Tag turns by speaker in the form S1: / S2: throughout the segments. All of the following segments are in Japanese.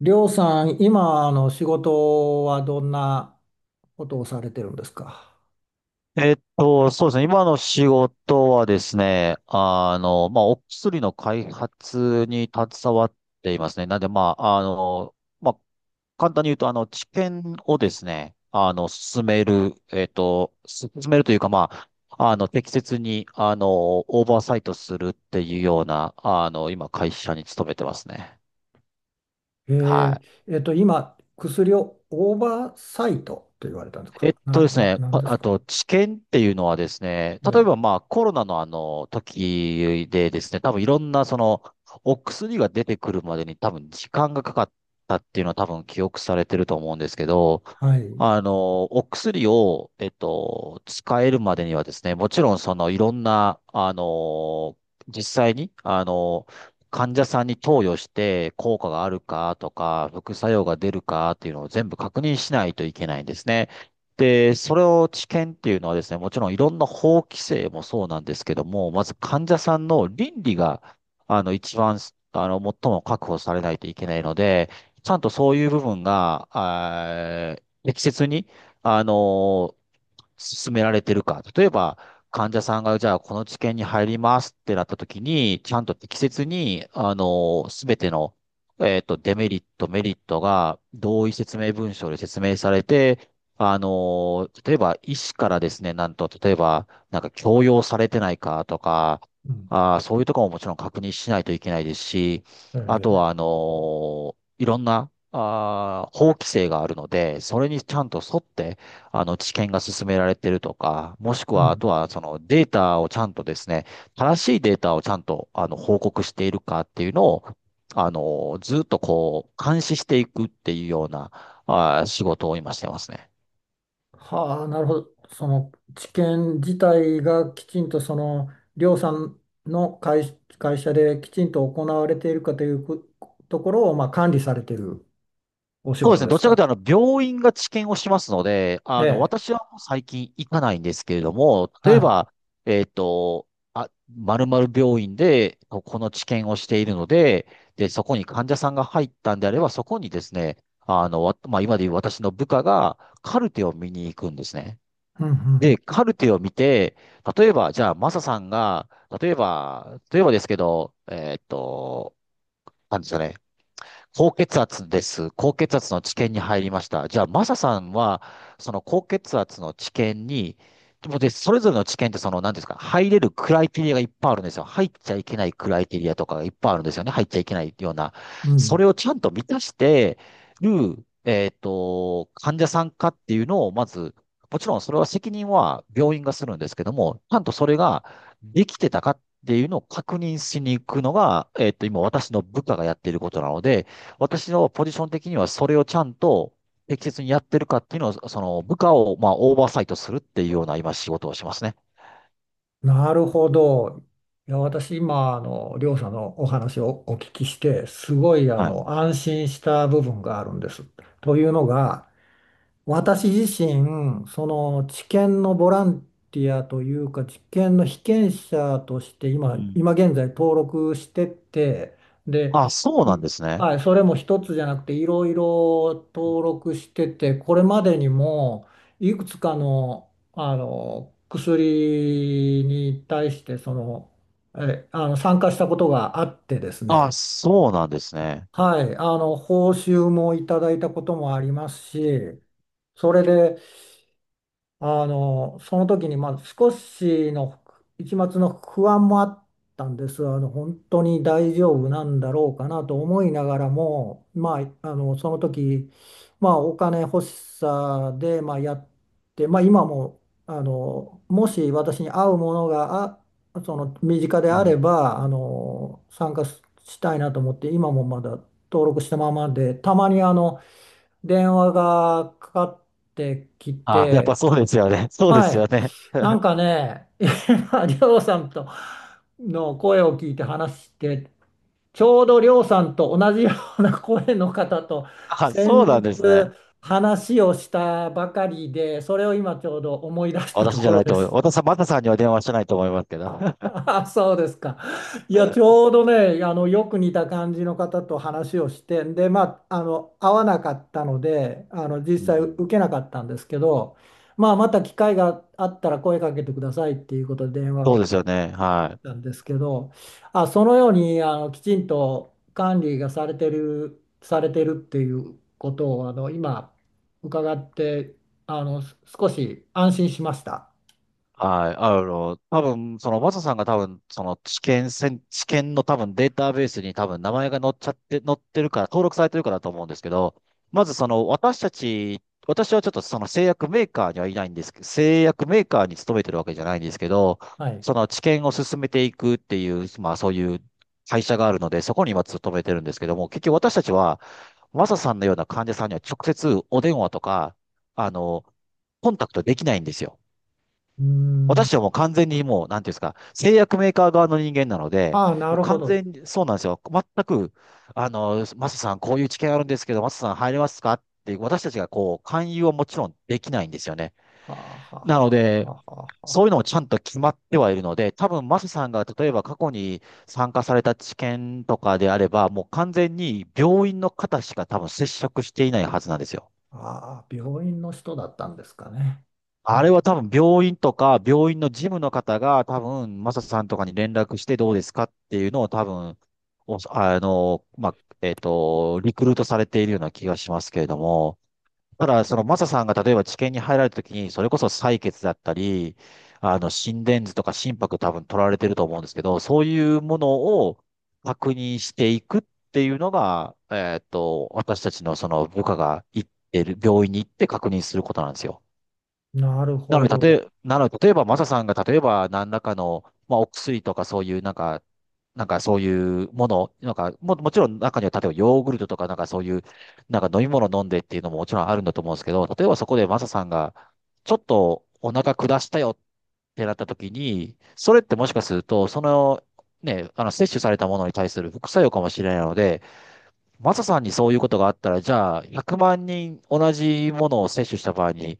S1: りょうさん、今、仕事はどんなことをされてるんですか？
S2: そうですね。今の仕事はですね、まあ、お薬の開発に携わっていますね。なんで、まあ、まあ、簡単に言うと、治験をですね、進めるというか、まあ、適切に、オーバーサイトするっていうような、今、会社に勤めてますね。は
S1: え
S2: い。
S1: 今、薬をオーバーサイトと言われたんです
S2: え
S1: か？
S2: っ
S1: な、
S2: とです
S1: な、
S2: ね、
S1: なん
S2: あ
S1: です
S2: あ
S1: か
S2: と、治験っていうのはですね、
S1: う
S2: 例え
S1: ん。
S2: ばまあコロナのあの時でですね、多分いろんなそのお薬が出てくるまでに多分時間がかかったっていうのは多分記憶されてると思うんですけど、
S1: はい。
S2: お薬を、使えるまでにはですね、もちろんそのいろんな、実際に、患者さんに投与して効果があるかとか、副作用が出るかっていうのを全部確認しないといけないんですね。で、それを治験っていうのはですね、もちろんいろんな法規制もそうなんですけども、まず患者さんの倫理が、一番、最も確保されないといけないので、ちゃんとそういう部分が、適切に、あの進められてるか。例えば、患者さんが、じゃあ、この治験に入りますってなった時に、ちゃんと適切に、すべての、デメリット、メリットが同意説明文書で説明されて、例えば、医師からですね、なんと、例えば、なんか強要されてないかとか、
S1: うん。
S2: そういうところももちろん確認しないといけないですし、
S1: え
S2: あと
S1: ー、
S2: は、いろんな、法規制があるので、それにちゃんと沿って、知見が進められてるとか、もしく
S1: う
S2: は、あ
S1: ん。
S2: とは、そのデータをちゃんとですね、正しいデータをちゃんと、報告しているかっていうのを、ずっとこう、監視していくっていうような、仕事を今してますね。
S1: はあ、なるほど。その、治験自体がきちんと、その、りょうさんの会社できちんと行われているかということころを、まあ、管理されているお仕
S2: そうです
S1: 事
S2: ね。
S1: で
S2: ど
S1: す
S2: ちらかという
S1: か？
S2: と、病院が治験をしますので、
S1: ええ。
S2: 私はもう最近行かないんですけれども、例
S1: は
S2: え
S1: い。
S2: ば、えっと、あ、〇〇病院で、ここの治験をしているので、で、そこに患者さんが入ったんであれば、そこにですね、あの、わまあ、今で言う私の部下がカルテを見に行くんですね。
S1: うん、う
S2: で、
S1: ん、
S2: カルテを見て、例えば、じゃあ、マサさんが、例えばですけど、なんですかね、高血圧です。高血圧の治験に入りました。じゃあ、マサさんは、その高血圧の治験に、でも、それぞれの治験って、その、なんていうんですか、入れるクライテリアがいっぱいあるんですよ。入っちゃいけないクライテリアとかがいっぱいあるんですよね。入っちゃいけないような。
S1: うん。う
S2: そ
S1: ん、
S2: れをちゃんと満たしてる、患者さんかっていうのを、まず、もちろんそれは責任は病院がするんですけども、ちゃんとそれができてたかっていうのを確認しに行くのが、今私の部下がやっていることなので、私のポジション的にはそれをちゃんと適切にやってるかっていうのを、その部下をまあオーバーサイトするっていうような今仕事をしますね。
S1: なるほど。いや、私今、りょうさんのお話をお聞きして、すごい、
S2: はい。
S1: 安心した部分があるんです。というのが、私自身、その治験のボランティアというか、治験の被験者として
S2: う
S1: 今、
S2: ん。
S1: 今現在登録してて、で、
S2: あ、そうなん
S1: い
S2: ですね。
S1: はい、それも一つじゃなくて、いろいろ
S2: うん、
S1: 登録してて、これまでにも、いくつかの、あの薬に対して、その、え、あの参加したことがあってですね、
S2: あ、そうなんですね。
S1: はい、報酬もいただいたこともあります
S2: うん、
S1: し、それで、その時に、まあ、少しの一抹の不安もあったんです。本当に大丈夫なんだろうかなと思いながらも、まあ、その時、まあ、お金欲しさで、まあ、やって、まあ、今も、もし私に合うものが、身近で
S2: う
S1: あれ
S2: ん、
S1: ば、参加したいなと思って、今もまだ登録したままで、たまに、電話がかかってき
S2: あ、やっ
S1: て、
S2: ぱそうですよね。そうで
S1: は
S2: すよ
S1: い。
S2: ね。
S1: なんかね、今、りょうさんとの声を聞いて話して、ちょうどりょうさんと同じような声の方と
S2: あ、
S1: 先
S2: そうなん
S1: 日
S2: ですね。
S1: 話をしたばかりで、それを今ちょうど思い出したと
S2: 私じ
S1: こ
S2: ゃな
S1: ろ
S2: い
S1: で
S2: と思う。
S1: す。
S2: 私はマタさんには電話してないと思いますけど。
S1: あ、そうですか。いや、ち ょうどね、よく似た感じの方と話をして、で、まあ、会わなかったので、実
S2: う
S1: 際
S2: ん、
S1: 受けなかったんですけど、まあ、また機会があったら声かけてくださいっていうことで電 話
S2: そう
S1: を
S2: ですよね。
S1: 切っ
S2: はい。
S1: たんですけど、あ、そのように、きちんと管理がされてるっていうことを、今、伺って、少し安心しました。
S2: はい。多分、その、マサさんが多分、その、知見の多分データベースに多分名前が載っちゃって、載ってるから、登録されてるからだと思うんですけど、まずその、私はちょっとその製薬メーカーにはいないんですけど、製薬メーカーに勤めてるわけじゃないんですけど、
S1: はい。
S2: その知見を進めていくっていう、まあそういう会社があるので、そこに今勤めてるんですけども、結局私たちは、マサさんのような患者さんには直接お電話とか、あの、コンタクトできないんですよ。
S1: うーん。
S2: 私はもう完全にもう、なんていうんですか、製薬メーカー側の人間なので、
S1: ああ、な
S2: もう
S1: るほ
S2: 完全
S1: ど。
S2: に、そうなんですよ。全く、マサさん、こういう知見あるんですけど、マサさん入れますかって、私たちがこう、勧誘はもちろんできないんですよね。
S1: はあはあ
S2: なの
S1: はあ
S2: で、
S1: はあはあ
S2: そういうの
S1: は
S2: もちゃんと決まってはいるので、多分マサさんが例えば過去に参加された知見とかであれば、もう完全に病院の方しか多分接触していないはずなんですよ。
S1: あ。ああ、病院の人だったんですかね。う
S2: あれ
S1: ん、
S2: は多分病院とか、病院の事務の方が多分、マサさんとかに連絡してどうですかっていうのを多分、おあの、まあ、えっと、リクルートされているような気がしますけれども、ただ、そのマサさんが例えば治験に入られた時に、それこそ採血だったり、心電図とか心拍多分取られてると思うんですけど、そういうものを確認していくっていうのが、私たちのその部下が行ってる、病院に行って確認することなんですよ。
S1: なるほど。
S2: なので、例えば、マサさんが、例えば、何らかの、まあ、お薬とか、そういう、なんか、そういうもの、なんか、もちろん、中には、例えば、ヨーグルトとか、なんか、そういう、なんか、飲み物飲んでっていうのももちろんあるんだと思うんですけど、例えば、そこで、マサさんが、ちょっと、お腹下したよってなった時に、それってもしかすると、その、ね、摂取されたものに対する副作用かもしれないので、マサさんにそういうことがあったら、じゃあ、100万人同じものを接種した場合に、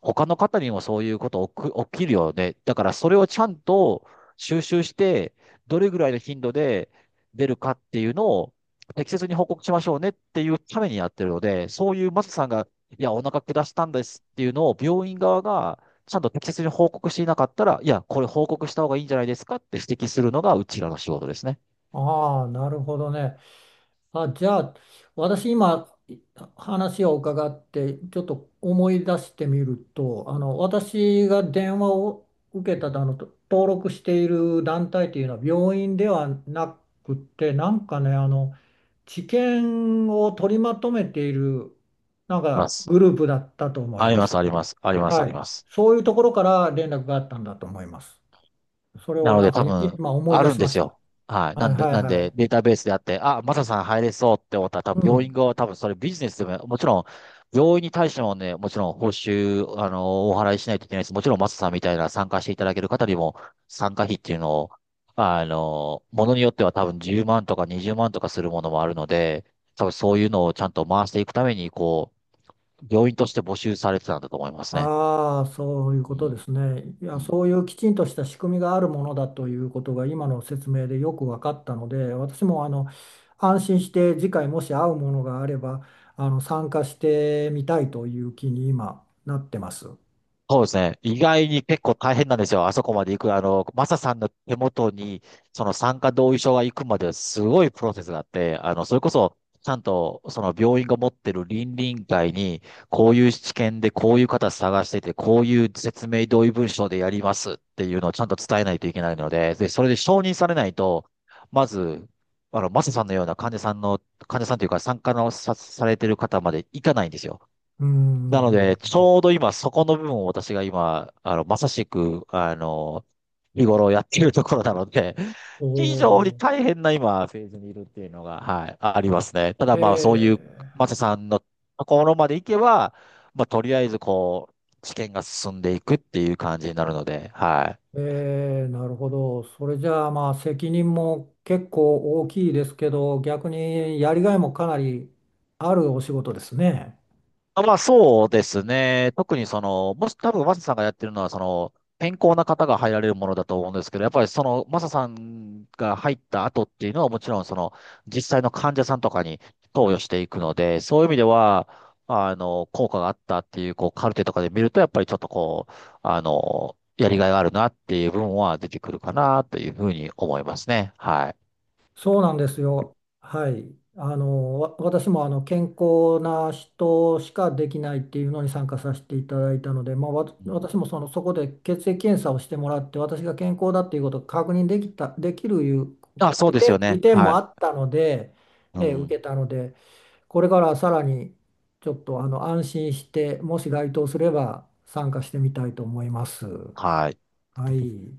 S2: 他の方にもそういうこと起きるよね。だから、それをちゃんと収集して、どれぐらいの頻度で出るかっていうのを適切に報告しましょうねっていうためにやってるので、そういうマサさんが、いや、お腹下したんですっていうのを病院側がちゃんと適切に報告していなかったら、いや、これ報告した方がいいんじゃないですかって指摘するのがうちらの仕事ですね。
S1: ああ、なるほどね。あ、じゃあ、私、今、話を伺って、ちょっと思い出してみると、私が電話を受けた登録している団体というのは病院ではなくて、なんかね、治験を取りまとめている、なん
S2: ま
S1: か
S2: す。
S1: グループだったと思い
S2: あり
S1: ま
S2: ます、
S1: す。
S2: あります、あります、あ
S1: は
S2: り
S1: い。
S2: ます。
S1: そういうところから連絡があったんだと思います。それ
S2: な
S1: を
S2: の
S1: なん
S2: で
S1: か
S2: 多
S1: い
S2: 分、
S1: 今思い
S2: あ
S1: 出
S2: るん
S1: し
S2: で
S1: まし
S2: す
S1: た。
S2: よ。はい。な
S1: はい
S2: んで、
S1: はい
S2: なん
S1: は
S2: で、
S1: い。
S2: データベースであって、あ、マサさん入れそうって思ったら、多
S1: う
S2: 分、病院
S1: ん。
S2: 側は多分、それビジネスでも、もちろん、病院に対してもね、もちろん、報酬、お払いしないといけないです。もちろん、マサさんみたいな参加していただける方にも、参加費っていうのを、ものによっては多分、10万とか20万とかするものもあるので、多分、そういうのをちゃんと回していくために、こう、病院として募集されてたんだと思いますね。
S1: ああ、そういう
S2: う
S1: こと
S2: ん。
S1: ですね。いや、
S2: うん、
S1: そういうきちんとした仕組みがあるものだということが今の説明でよく分かったので、私も安心して次回もし会うものがあれば、参加してみたいという気に今なってます。
S2: そうですね。意外に結構大変なんですよ。あそこまで行く。マサさんの手元に、その参加同意書が行くまですごいプロセスがあって、それこそ、ちゃんと、その病院が持ってる倫理委員会に、こういう知見で、こういう方探してて、こういう説明同意文書でやりますっていうのをちゃんと伝えないといけないので、で、それで承認されないと、まず、マサさんのような患者さんの、患者さんというか、参加のさ、されてる方まで行かないんですよ。
S1: うんう
S2: なの
S1: ん
S2: で、ち
S1: うん
S2: ょうど今、そこの部分を私が今、まさしく、日頃やっているところなので、
S1: うん。お
S2: 非常に
S1: お。
S2: 大変な今、フェーズにいるっていうのが、はい、ありますね。ただ
S1: へ
S2: まあ、そういう、
S1: え。
S2: マサさんのところまで行けば、まあ、とりあえず、こう、試験が進んでいくっていう感じになるので、はい。
S1: えー、なるほど。それじゃあまあ責任も結構大きいですけど、逆にやりがいもかなりあるお仕事ですね。
S2: あ、まあそうですね。特にその、もし多分マサさんがやってるのは、その、健康な方が入られるものだと思うんですけど、やっぱりその、マサさんが入った後っていうのはもちろんその、実際の患者さんとかに投与していくので、そういう意味では、効果があったっていう、こう、カルテとかで見ると、やっぱりちょっとこう、やりがいがあるなっていう部分は出てくるかなというふうに思いますね。はい。
S1: そうなんですよ。はい。私も健康な人しかできないっていうのに参加させていただいたので、まあ、わ
S2: うん、
S1: 私もその、そこで血液検査をしてもらって、私が健康だっていうことを確認できるいう
S2: あ、そう
S1: 利
S2: です
S1: 点、
S2: よ
S1: 利
S2: ね。
S1: 点
S2: は
S1: もあっ
S2: い。
S1: たので、
S2: う
S1: 受
S2: ん。
S1: けたので、これからさらにちょっと安心して、もし該当すれば参加してみたいと思います。
S2: はい。
S1: はい。